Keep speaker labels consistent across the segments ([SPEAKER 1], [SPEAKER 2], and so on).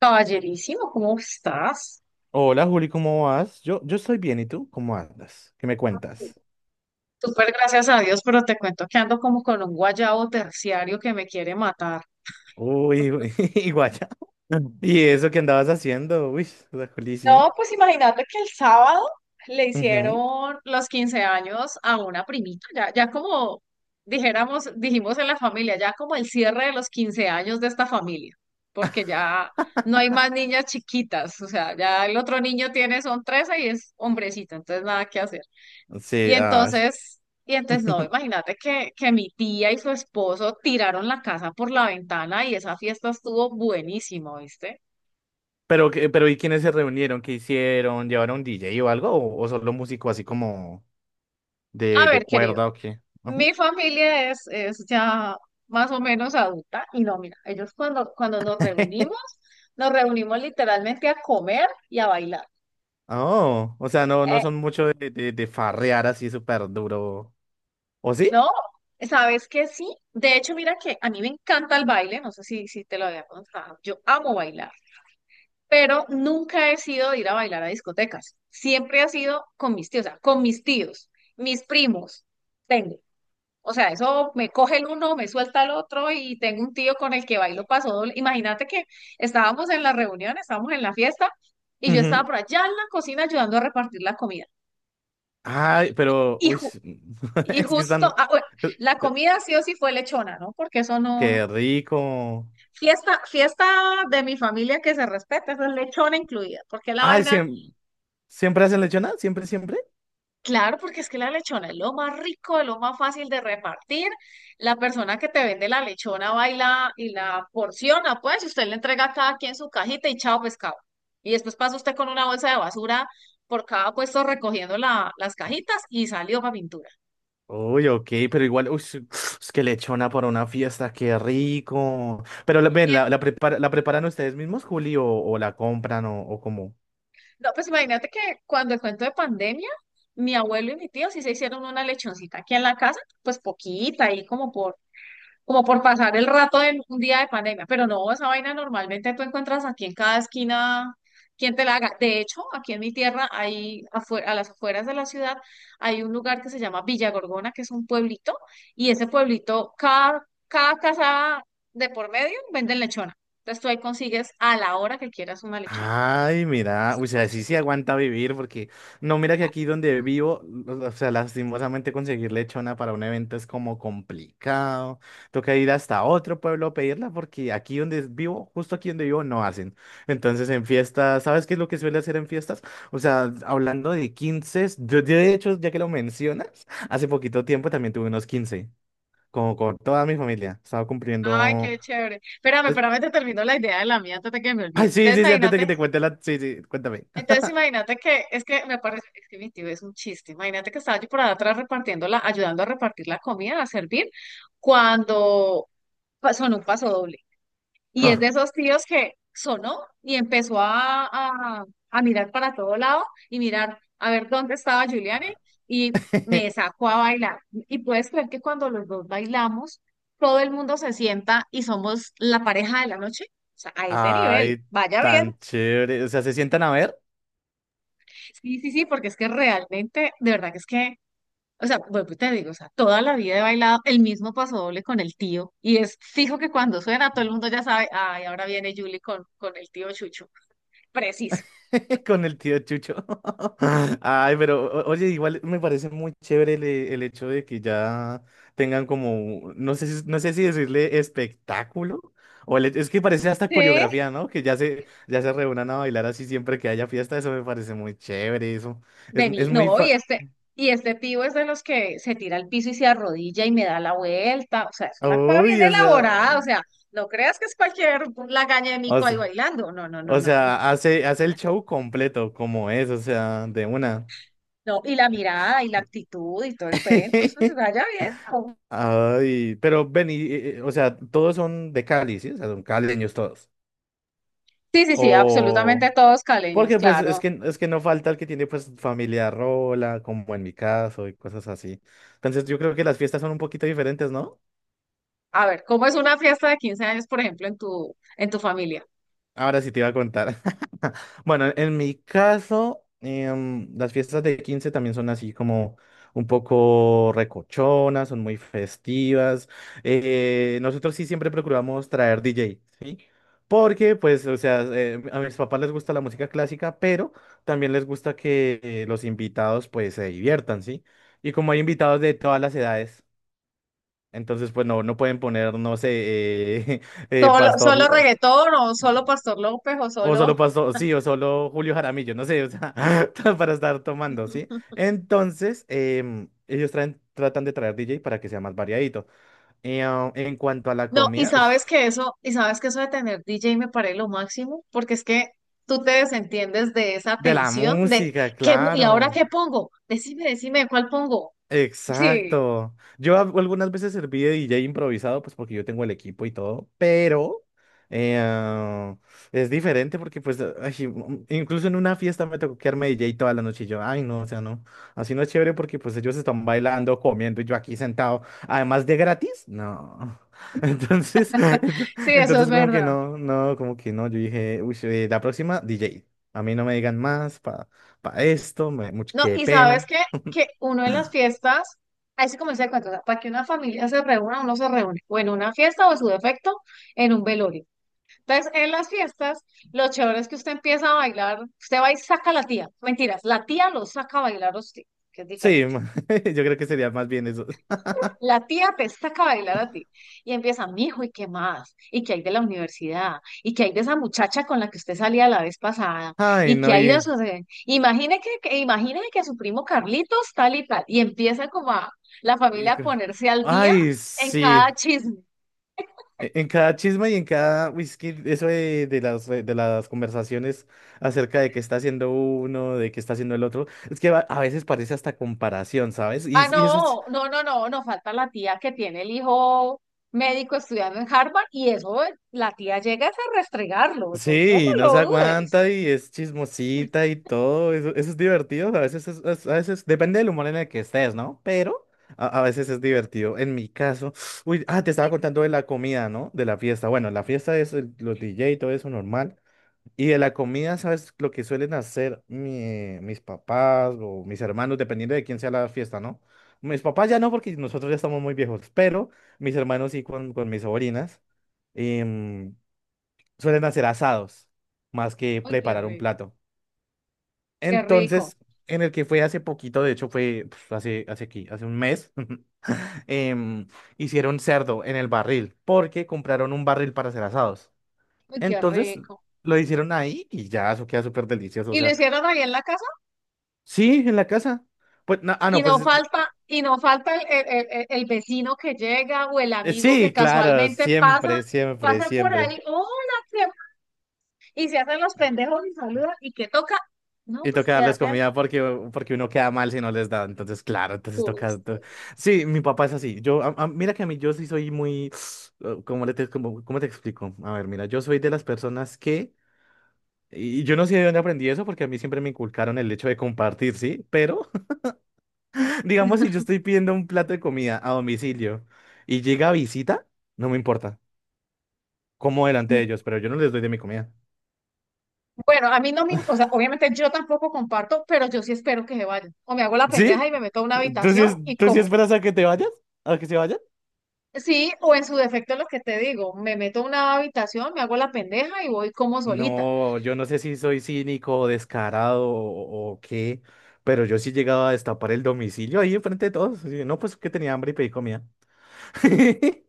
[SPEAKER 1] Caballerísimo, ¿cómo estás?
[SPEAKER 2] Hola Juli, ¿cómo vas? Yo estoy bien, ¿y tú? ¿Cómo andas? ¿Qué me cuentas?
[SPEAKER 1] Súper gracias a Dios, pero te cuento que ando como con un guayabo terciario que me quiere matar.
[SPEAKER 2] Uy, uy, guaya. ¿Y eso que andabas haciendo? Uy, la Juli,
[SPEAKER 1] No,
[SPEAKER 2] sí.
[SPEAKER 1] pues imagínate que el sábado le hicieron los 15 años a una primita, ya como dijimos en la familia, ya como el cierre de los 15 años de esta familia, porque ya no hay más niñas chiquitas, o sea, ya el otro niño tiene, son 13 y es hombrecito, entonces nada que hacer.
[SPEAKER 2] Ujú.
[SPEAKER 1] Y
[SPEAKER 2] Sí, ay.
[SPEAKER 1] entonces, y entonces no, imagínate que mi tía y su esposo tiraron la casa por la ventana y esa fiesta estuvo buenísimo, ¿viste?
[SPEAKER 2] Pero, ¿y quiénes se reunieron? ¿Qué hicieron? ¿Llevaron DJ o algo? ¿O solo músico así como
[SPEAKER 1] A
[SPEAKER 2] de,
[SPEAKER 1] ver,
[SPEAKER 2] de
[SPEAKER 1] querido,
[SPEAKER 2] cuerda o qué? Ujú.
[SPEAKER 1] mi familia es ya más o menos adulta y no, mira, ellos cuando nos reunimos literalmente a comer y a bailar.
[SPEAKER 2] Oh, o sea, no, no
[SPEAKER 1] Eh,
[SPEAKER 2] son mucho de farrear así súper duro. ¿O sí?
[SPEAKER 1] ¿No? ¿Sabes qué? Sí. De hecho, mira que a mí me encanta el baile, no sé si te lo había contado, yo amo bailar. Pero nunca he sido de ir a bailar a discotecas. Siempre ha sido con mis tíos, o sea, con mis tíos, mis primos, tengo. O sea, eso me coge el uno, me suelta el otro y tengo un tío con el que bailo paso doble. Imagínate que estábamos en la reunión, estábamos en la fiesta y yo estaba
[SPEAKER 2] Ujú.
[SPEAKER 1] por allá en la cocina ayudando a repartir la comida.
[SPEAKER 2] Ay, pero,
[SPEAKER 1] Y,
[SPEAKER 2] uy,
[SPEAKER 1] ju- y
[SPEAKER 2] es que
[SPEAKER 1] justo,
[SPEAKER 2] están.
[SPEAKER 1] ah, bueno, la comida sí o sí fue lechona, ¿no? Porque eso no...
[SPEAKER 2] Qué rico.
[SPEAKER 1] Fiesta, fiesta de mi familia que se respeta, eso es lechona incluida, porque la
[SPEAKER 2] Ay,
[SPEAKER 1] vaina...
[SPEAKER 2] siempre, ¿siempre hacen lechona? ¿Siempre, siempre?
[SPEAKER 1] Claro, porque es que la lechona es lo más rico, es lo más fácil de repartir. La persona que te vende la lechona va y la porciona, pues, y usted le entrega a cada quien su cajita y chao pescado. Y después pasa usted con una bolsa de basura por cada puesto recogiendo las
[SPEAKER 2] Oh,
[SPEAKER 1] cajitas y salió para pintura.
[SPEAKER 2] uy, ok, pero igual, uy, es que lechona para una fiesta, qué rico. Pero ven,
[SPEAKER 1] Bien.
[SPEAKER 2] ¿la preparan ustedes mismos, Juli, o la compran o cómo?
[SPEAKER 1] No, pues imagínate que cuando el cuento de pandemia, mi abuelo y mi tío sí se hicieron una lechoncita aquí en la casa, pues poquita, ahí como por pasar el rato de un día de pandemia. Pero no, esa vaina normalmente tú encuentras aquí en cada esquina quien te la haga. De hecho, aquí en mi tierra, hay afuera, a las afueras de la ciudad, hay un lugar que se llama Villa Gorgona, que es un pueblito, y ese pueblito, cada casa de por medio venden lechona. Entonces tú ahí consigues a la hora que quieras una lechona.
[SPEAKER 2] Ay, mira,
[SPEAKER 1] Es
[SPEAKER 2] o
[SPEAKER 1] súper
[SPEAKER 2] sea, sí
[SPEAKER 1] chévere.
[SPEAKER 2] se aguanta vivir porque no, mira que aquí donde vivo, o sea, lastimosamente conseguir lechona para un evento es como complicado. Toca ir hasta otro pueblo a pedirla porque aquí donde vivo, justo aquí donde vivo, no hacen. Entonces en fiestas, ¿sabes qué es lo que suele hacer en fiestas? O sea, hablando de 15, yo de hecho, ya que lo mencionas, hace poquito tiempo también tuve unos 15, como con toda mi familia. Estaba
[SPEAKER 1] Ay,
[SPEAKER 2] cumpliendo...
[SPEAKER 1] qué chévere. Espérame,
[SPEAKER 2] es-
[SPEAKER 1] espérame, te termino la idea de la mía antes de que me
[SPEAKER 2] Ay,
[SPEAKER 1] olvide.
[SPEAKER 2] sí,
[SPEAKER 1] Entonces,
[SPEAKER 2] sí, sí, antes de que
[SPEAKER 1] imagínate
[SPEAKER 2] te cuente la... Sí, sí, cuéntame.
[SPEAKER 1] Entonces imagínate que, es que me parece, es que mi tío es un chiste, imagínate que estaba yo por allá atrás repartiendo la, ayudando a repartir la comida, a servir, cuando sonó un paso doble. Y es de esos tíos que sonó y empezó a mirar para todo lado y mirar a ver dónde estaba Giuliani y me sacó a bailar. Y puedes creer que cuando los dos bailamos, todo el mundo se sienta y somos la pareja de la noche, o sea, a ese nivel,
[SPEAKER 2] Ay,
[SPEAKER 1] vaya bien.
[SPEAKER 2] tan chévere. O sea, se sientan a ver
[SPEAKER 1] Sí, sí, sí, porque es que realmente, de verdad que es que, o sea, vuelvo y te digo, o sea, toda la vida he bailado el mismo paso doble con el tío, y es fijo que cuando suena todo el mundo ya sabe, ay, ahora viene Julie con el tío Chucho. Preciso.
[SPEAKER 2] con el tío Chucho. Ay, pero oye, igual me parece muy chévere el hecho de que ya tengan como, no sé, no sé si decirle espectáculo. O es que parece hasta
[SPEAKER 1] Sí.
[SPEAKER 2] coreografía, ¿no? Que ya se reúnan a bailar así siempre que haya fiesta. Eso me parece muy chévere. Eso es
[SPEAKER 1] Vení,
[SPEAKER 2] muy
[SPEAKER 1] no, y
[SPEAKER 2] fa-
[SPEAKER 1] este, y este tío es de los que se tira al piso y se arrodilla y me da la vuelta, o sea, es una cosa bien
[SPEAKER 2] Uy,
[SPEAKER 1] elaborada, o sea, no creas que es cualquier lagaña de
[SPEAKER 2] o
[SPEAKER 1] mico ahí
[SPEAKER 2] sea,
[SPEAKER 1] bailando, no, no, no,
[SPEAKER 2] o
[SPEAKER 1] no,
[SPEAKER 2] sea, hace el show completo como es, o sea, de una.
[SPEAKER 1] no, y la mirada y la actitud y todo el cuento, eso se vaya bien.
[SPEAKER 2] Ay, pero ven, o sea, todos son de Cali, ¿sí? O sea, son caleños todos.
[SPEAKER 1] Sí, sí, sí,
[SPEAKER 2] O
[SPEAKER 1] absolutamente todos caleños,
[SPEAKER 2] porque pues es
[SPEAKER 1] claro.
[SPEAKER 2] que es que no falta el que tiene pues familia rola, como en mi caso y cosas así. Entonces yo creo que las fiestas son un poquito diferentes, ¿no?
[SPEAKER 1] A ver, ¿cómo es una fiesta de 15 años, por ejemplo, en tu familia?
[SPEAKER 2] Ahora sí te iba a contar. Bueno, en mi caso, las fiestas de 15 también son así como un poco recochonas, son muy festivas. Nosotros sí siempre procuramos traer DJ, ¿sí? Porque, pues, o sea, a mis papás les gusta la música clásica, pero también les gusta que los invitados, pues, se diviertan, ¿sí? Y como hay invitados de todas las edades, entonces, pues, no, no pueden poner, no sé, eh,
[SPEAKER 1] ¿Solo, solo
[SPEAKER 2] Pastor.
[SPEAKER 1] reggaetón o solo Pastor López o
[SPEAKER 2] O solo
[SPEAKER 1] solo...
[SPEAKER 2] pasó, sí, o solo Julio Jaramillo, no sé, o sea, para estar tomando, ¿sí? Entonces, ellos tratan de traer DJ para que sea más variadito. Y, en cuanto a la
[SPEAKER 1] No, y
[SPEAKER 2] comida,
[SPEAKER 1] sabes
[SPEAKER 2] uff,
[SPEAKER 1] que eso, de tener DJ me parece lo máximo, porque es que tú te desentiendes de esa
[SPEAKER 2] de la
[SPEAKER 1] tensión de
[SPEAKER 2] música,
[SPEAKER 1] ¿qué, y ahora
[SPEAKER 2] claro.
[SPEAKER 1] qué pongo? Decime, decime, ¿cuál pongo? Sí,
[SPEAKER 2] Exacto. Yo algunas veces serví de DJ improvisado, pues porque yo tengo el equipo y todo, pero eh, ah, es diferente porque pues ay, incluso en una fiesta me tocó quedarme DJ toda la noche y yo, ay no, o sea, no, así no es chévere porque pues ellos están bailando, comiendo y yo aquí sentado, además de gratis, no. Entonces,
[SPEAKER 1] sí, eso es
[SPEAKER 2] entonces como que
[SPEAKER 1] verdad.
[SPEAKER 2] no, no, como que no, yo dije, uy, la próxima DJ, a mí no me digan más para esto,
[SPEAKER 1] No,
[SPEAKER 2] qué
[SPEAKER 1] ¿y sabes
[SPEAKER 2] pena.
[SPEAKER 1] qué? Que uno en las fiestas, ahí se comienza el cuento, o sea, para que una familia se reúna, uno se reúne, o en una fiesta o en su defecto, en un velorio. Entonces, en las fiestas, lo chévere es que usted empieza a bailar, usted va y saca a la tía, mentiras, la tía lo saca a bailar a usted, que es
[SPEAKER 2] Sí,
[SPEAKER 1] diferente.
[SPEAKER 2] yo creo que sería más bien eso.
[SPEAKER 1] La tía te saca a bailar a ti y empieza, mijo, ¿y qué más? ¿Y qué hay de la universidad? ¿Y qué hay de esa muchacha con la que usted salía la vez pasada?
[SPEAKER 2] Ay,
[SPEAKER 1] ¿Y qué
[SPEAKER 2] no,
[SPEAKER 1] hay de eso? Imagine que su primo Carlitos tal y tal. Y empieza como a la
[SPEAKER 2] y
[SPEAKER 1] familia a
[SPEAKER 2] co-
[SPEAKER 1] ponerse al día
[SPEAKER 2] ay,
[SPEAKER 1] en
[SPEAKER 2] sí.
[SPEAKER 1] cada chisme.
[SPEAKER 2] En cada chisme y en cada whisky, eso de las conversaciones acerca de qué está haciendo uno, de qué está haciendo el otro, es que a veces parece hasta comparación, ¿sabes? Y,
[SPEAKER 1] Ah,
[SPEAKER 2] y eso.
[SPEAKER 1] no, no, no, no, no falta la tía que tiene el hijo médico estudiando en Harvard y eso, la tía llega es a restregarlo, eso no
[SPEAKER 2] Sí, no
[SPEAKER 1] lo
[SPEAKER 2] se
[SPEAKER 1] dudes.
[SPEAKER 2] aguanta y es chismosita y todo. Eso es divertido. A veces, a veces depende del humor en el que estés, ¿no? Pero a veces es divertido. En mi caso, uy, ah, te estaba
[SPEAKER 1] Y-
[SPEAKER 2] contando de la comida, ¿no? De la fiesta. Bueno, la fiesta es los DJ y todo eso normal. Y de la comida, ¿sabes lo que suelen hacer mis papás o mis hermanos, dependiendo de quién sea la fiesta, ¿no? Mis papás ya no, porque nosotros ya estamos muy viejos, pero mis hermanos sí con mis sobrinas suelen hacer asados más que
[SPEAKER 1] Uy,
[SPEAKER 2] preparar un plato.
[SPEAKER 1] qué rico,
[SPEAKER 2] Entonces, en el que fue hace poquito, de hecho fue hace aquí, hace un mes, em, hicieron cerdo en el barril porque compraron un barril para hacer asados.
[SPEAKER 1] uy, qué
[SPEAKER 2] Entonces,
[SPEAKER 1] rico.
[SPEAKER 2] lo hicieron ahí y ya, eso queda súper delicioso. O
[SPEAKER 1] Y lo
[SPEAKER 2] sea,
[SPEAKER 1] hicieron ahí en la casa
[SPEAKER 2] sí, en la casa. Pues, no, ah,
[SPEAKER 1] y
[SPEAKER 2] no,
[SPEAKER 1] no
[SPEAKER 2] pues
[SPEAKER 1] falta, el vecino que llega o el amigo que
[SPEAKER 2] sí, claro,
[SPEAKER 1] casualmente pasa,
[SPEAKER 2] siempre, siempre,
[SPEAKER 1] pasa por
[SPEAKER 2] siempre.
[SPEAKER 1] ahí, hola, ¿qué? Y se hacen los pendejos y saludan y que toca, no,
[SPEAKER 2] Y
[SPEAKER 1] pues
[SPEAKER 2] toca darles
[SPEAKER 1] quédate al
[SPEAKER 2] comida porque uno queda mal si no les da. Entonces, claro, entonces toca.
[SPEAKER 1] gusto.
[SPEAKER 2] Sí, mi papá es así. Mira que a mí yo sí soy muy. ¿Cómo te explico? A ver, mira, yo soy de las personas que. Y yo no sé de dónde aprendí eso porque a mí siempre me inculcaron el hecho de compartir, ¿sí? Pero, digamos, si yo estoy pidiendo un plato de comida a domicilio y llega visita, no me importa. Como delante
[SPEAKER 1] Mm,
[SPEAKER 2] de ellos, pero yo no les doy de mi comida.
[SPEAKER 1] bueno, a mí no me, o sea, obviamente yo tampoco comparto, pero yo sí espero que se vayan. O me hago la pendeja
[SPEAKER 2] ¿Sí?
[SPEAKER 1] y me meto a una
[SPEAKER 2] ¿Tú sí,
[SPEAKER 1] habitación y como.
[SPEAKER 2] esperas a que te vayas? ¿A que se vayan?
[SPEAKER 1] Sí, o en su defecto lo que te digo, me meto a una habitación, me hago la pendeja y voy como solita.
[SPEAKER 2] No, yo no sé si soy cínico o descarado o qué, pero yo sí llegaba a destapar el domicilio ahí enfrente de todos. Y yo, no, pues que tenía hambre y pedí comida.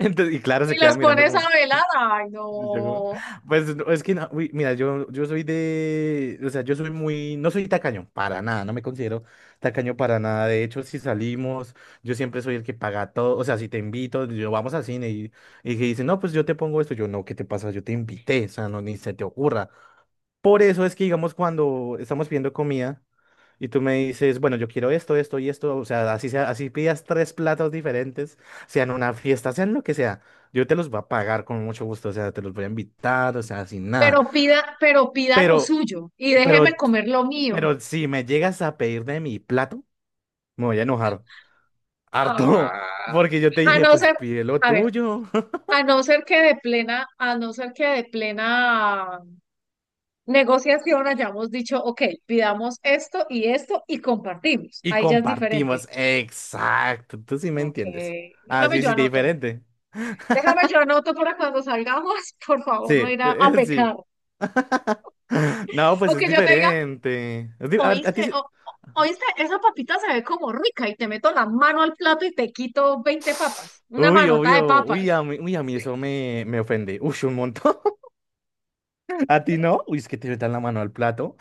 [SPEAKER 2] Entonces, y claro, se
[SPEAKER 1] Y los
[SPEAKER 2] quedan mirando
[SPEAKER 1] pones a
[SPEAKER 2] como...
[SPEAKER 1] velar. Ay,
[SPEAKER 2] y yo como,
[SPEAKER 1] no.
[SPEAKER 2] pues no, es que no, uy, mira, yo soy de... O sea, yo soy muy... No soy tacaño, para nada, no me considero tacaño para nada. De hecho, si salimos, yo siempre soy el que paga todo. O sea, si te invito, yo vamos al cine y que dice, no, pues yo te pongo esto. Yo, no, ¿qué te pasa? Yo te invité, o sea, no, ni se te ocurra. Por eso es que, digamos, cuando estamos pidiendo comida y tú me dices, bueno, yo quiero esto, esto y esto, o sea, así pidas tres platos diferentes, sean una fiesta, sean lo que sea, yo te los voy a pagar con mucho gusto, o sea, te los voy a invitar, o sea, sin nada.
[SPEAKER 1] Pero pida lo
[SPEAKER 2] Pero,
[SPEAKER 1] suyo y déjeme
[SPEAKER 2] pero,
[SPEAKER 1] comer lo mío.
[SPEAKER 2] pero, si me llegas a pedir de mi plato, me voy a enojar harto,
[SPEAKER 1] Ah,
[SPEAKER 2] porque yo te
[SPEAKER 1] a
[SPEAKER 2] dije,
[SPEAKER 1] no
[SPEAKER 2] pues
[SPEAKER 1] ser,
[SPEAKER 2] pide lo
[SPEAKER 1] a ver,
[SPEAKER 2] tuyo
[SPEAKER 1] a no ser que de plena, a no ser que de plena negociación hayamos dicho, ok, pidamos esto y esto y compartimos.
[SPEAKER 2] y
[SPEAKER 1] Ahí ya es diferente.
[SPEAKER 2] compartimos. Exacto, tú sí me
[SPEAKER 1] Ok,
[SPEAKER 2] entiendes.
[SPEAKER 1] déjame
[SPEAKER 2] Así
[SPEAKER 1] yo
[SPEAKER 2] sí, sí,
[SPEAKER 1] anoto.
[SPEAKER 2] diferente.
[SPEAKER 1] déjame yo anoto para cuando salgamos, por favor,
[SPEAKER 2] Sí,
[SPEAKER 1] no ir a
[SPEAKER 2] sí.
[SPEAKER 1] pecar.
[SPEAKER 2] No, pues
[SPEAKER 1] O
[SPEAKER 2] es
[SPEAKER 1] que yo te diga,
[SPEAKER 2] diferente. Es di- a
[SPEAKER 1] Oíste,
[SPEAKER 2] ti se-
[SPEAKER 1] o- oíste, esa papita se ve como rica y te meto la mano al plato y te quito 20 papas, una
[SPEAKER 2] Uy,
[SPEAKER 1] manota de
[SPEAKER 2] obvio. Uy,
[SPEAKER 1] papas.
[SPEAKER 2] a mí eso me ofende. Uy, un montón. ¿A ti no? Uy, es que te metan la mano al plato.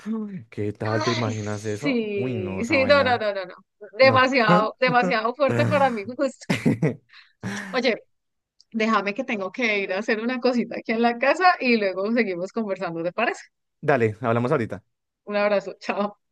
[SPEAKER 2] ¿Qué tal? ¿Te
[SPEAKER 1] Ay,
[SPEAKER 2] imaginas eso? Uy,
[SPEAKER 1] sí,
[SPEAKER 2] no, esa
[SPEAKER 1] sí, no, no,
[SPEAKER 2] vaina.
[SPEAKER 1] no, no, no.
[SPEAKER 2] No.
[SPEAKER 1] Demasiado, demasiado fuerte para mi gusto. Oye, déjame que tengo que ir a hacer una cosita aquí en la casa y luego seguimos conversando, ¿te parece?
[SPEAKER 2] Dale, hablamos ahorita.
[SPEAKER 1] Un abrazo, chao.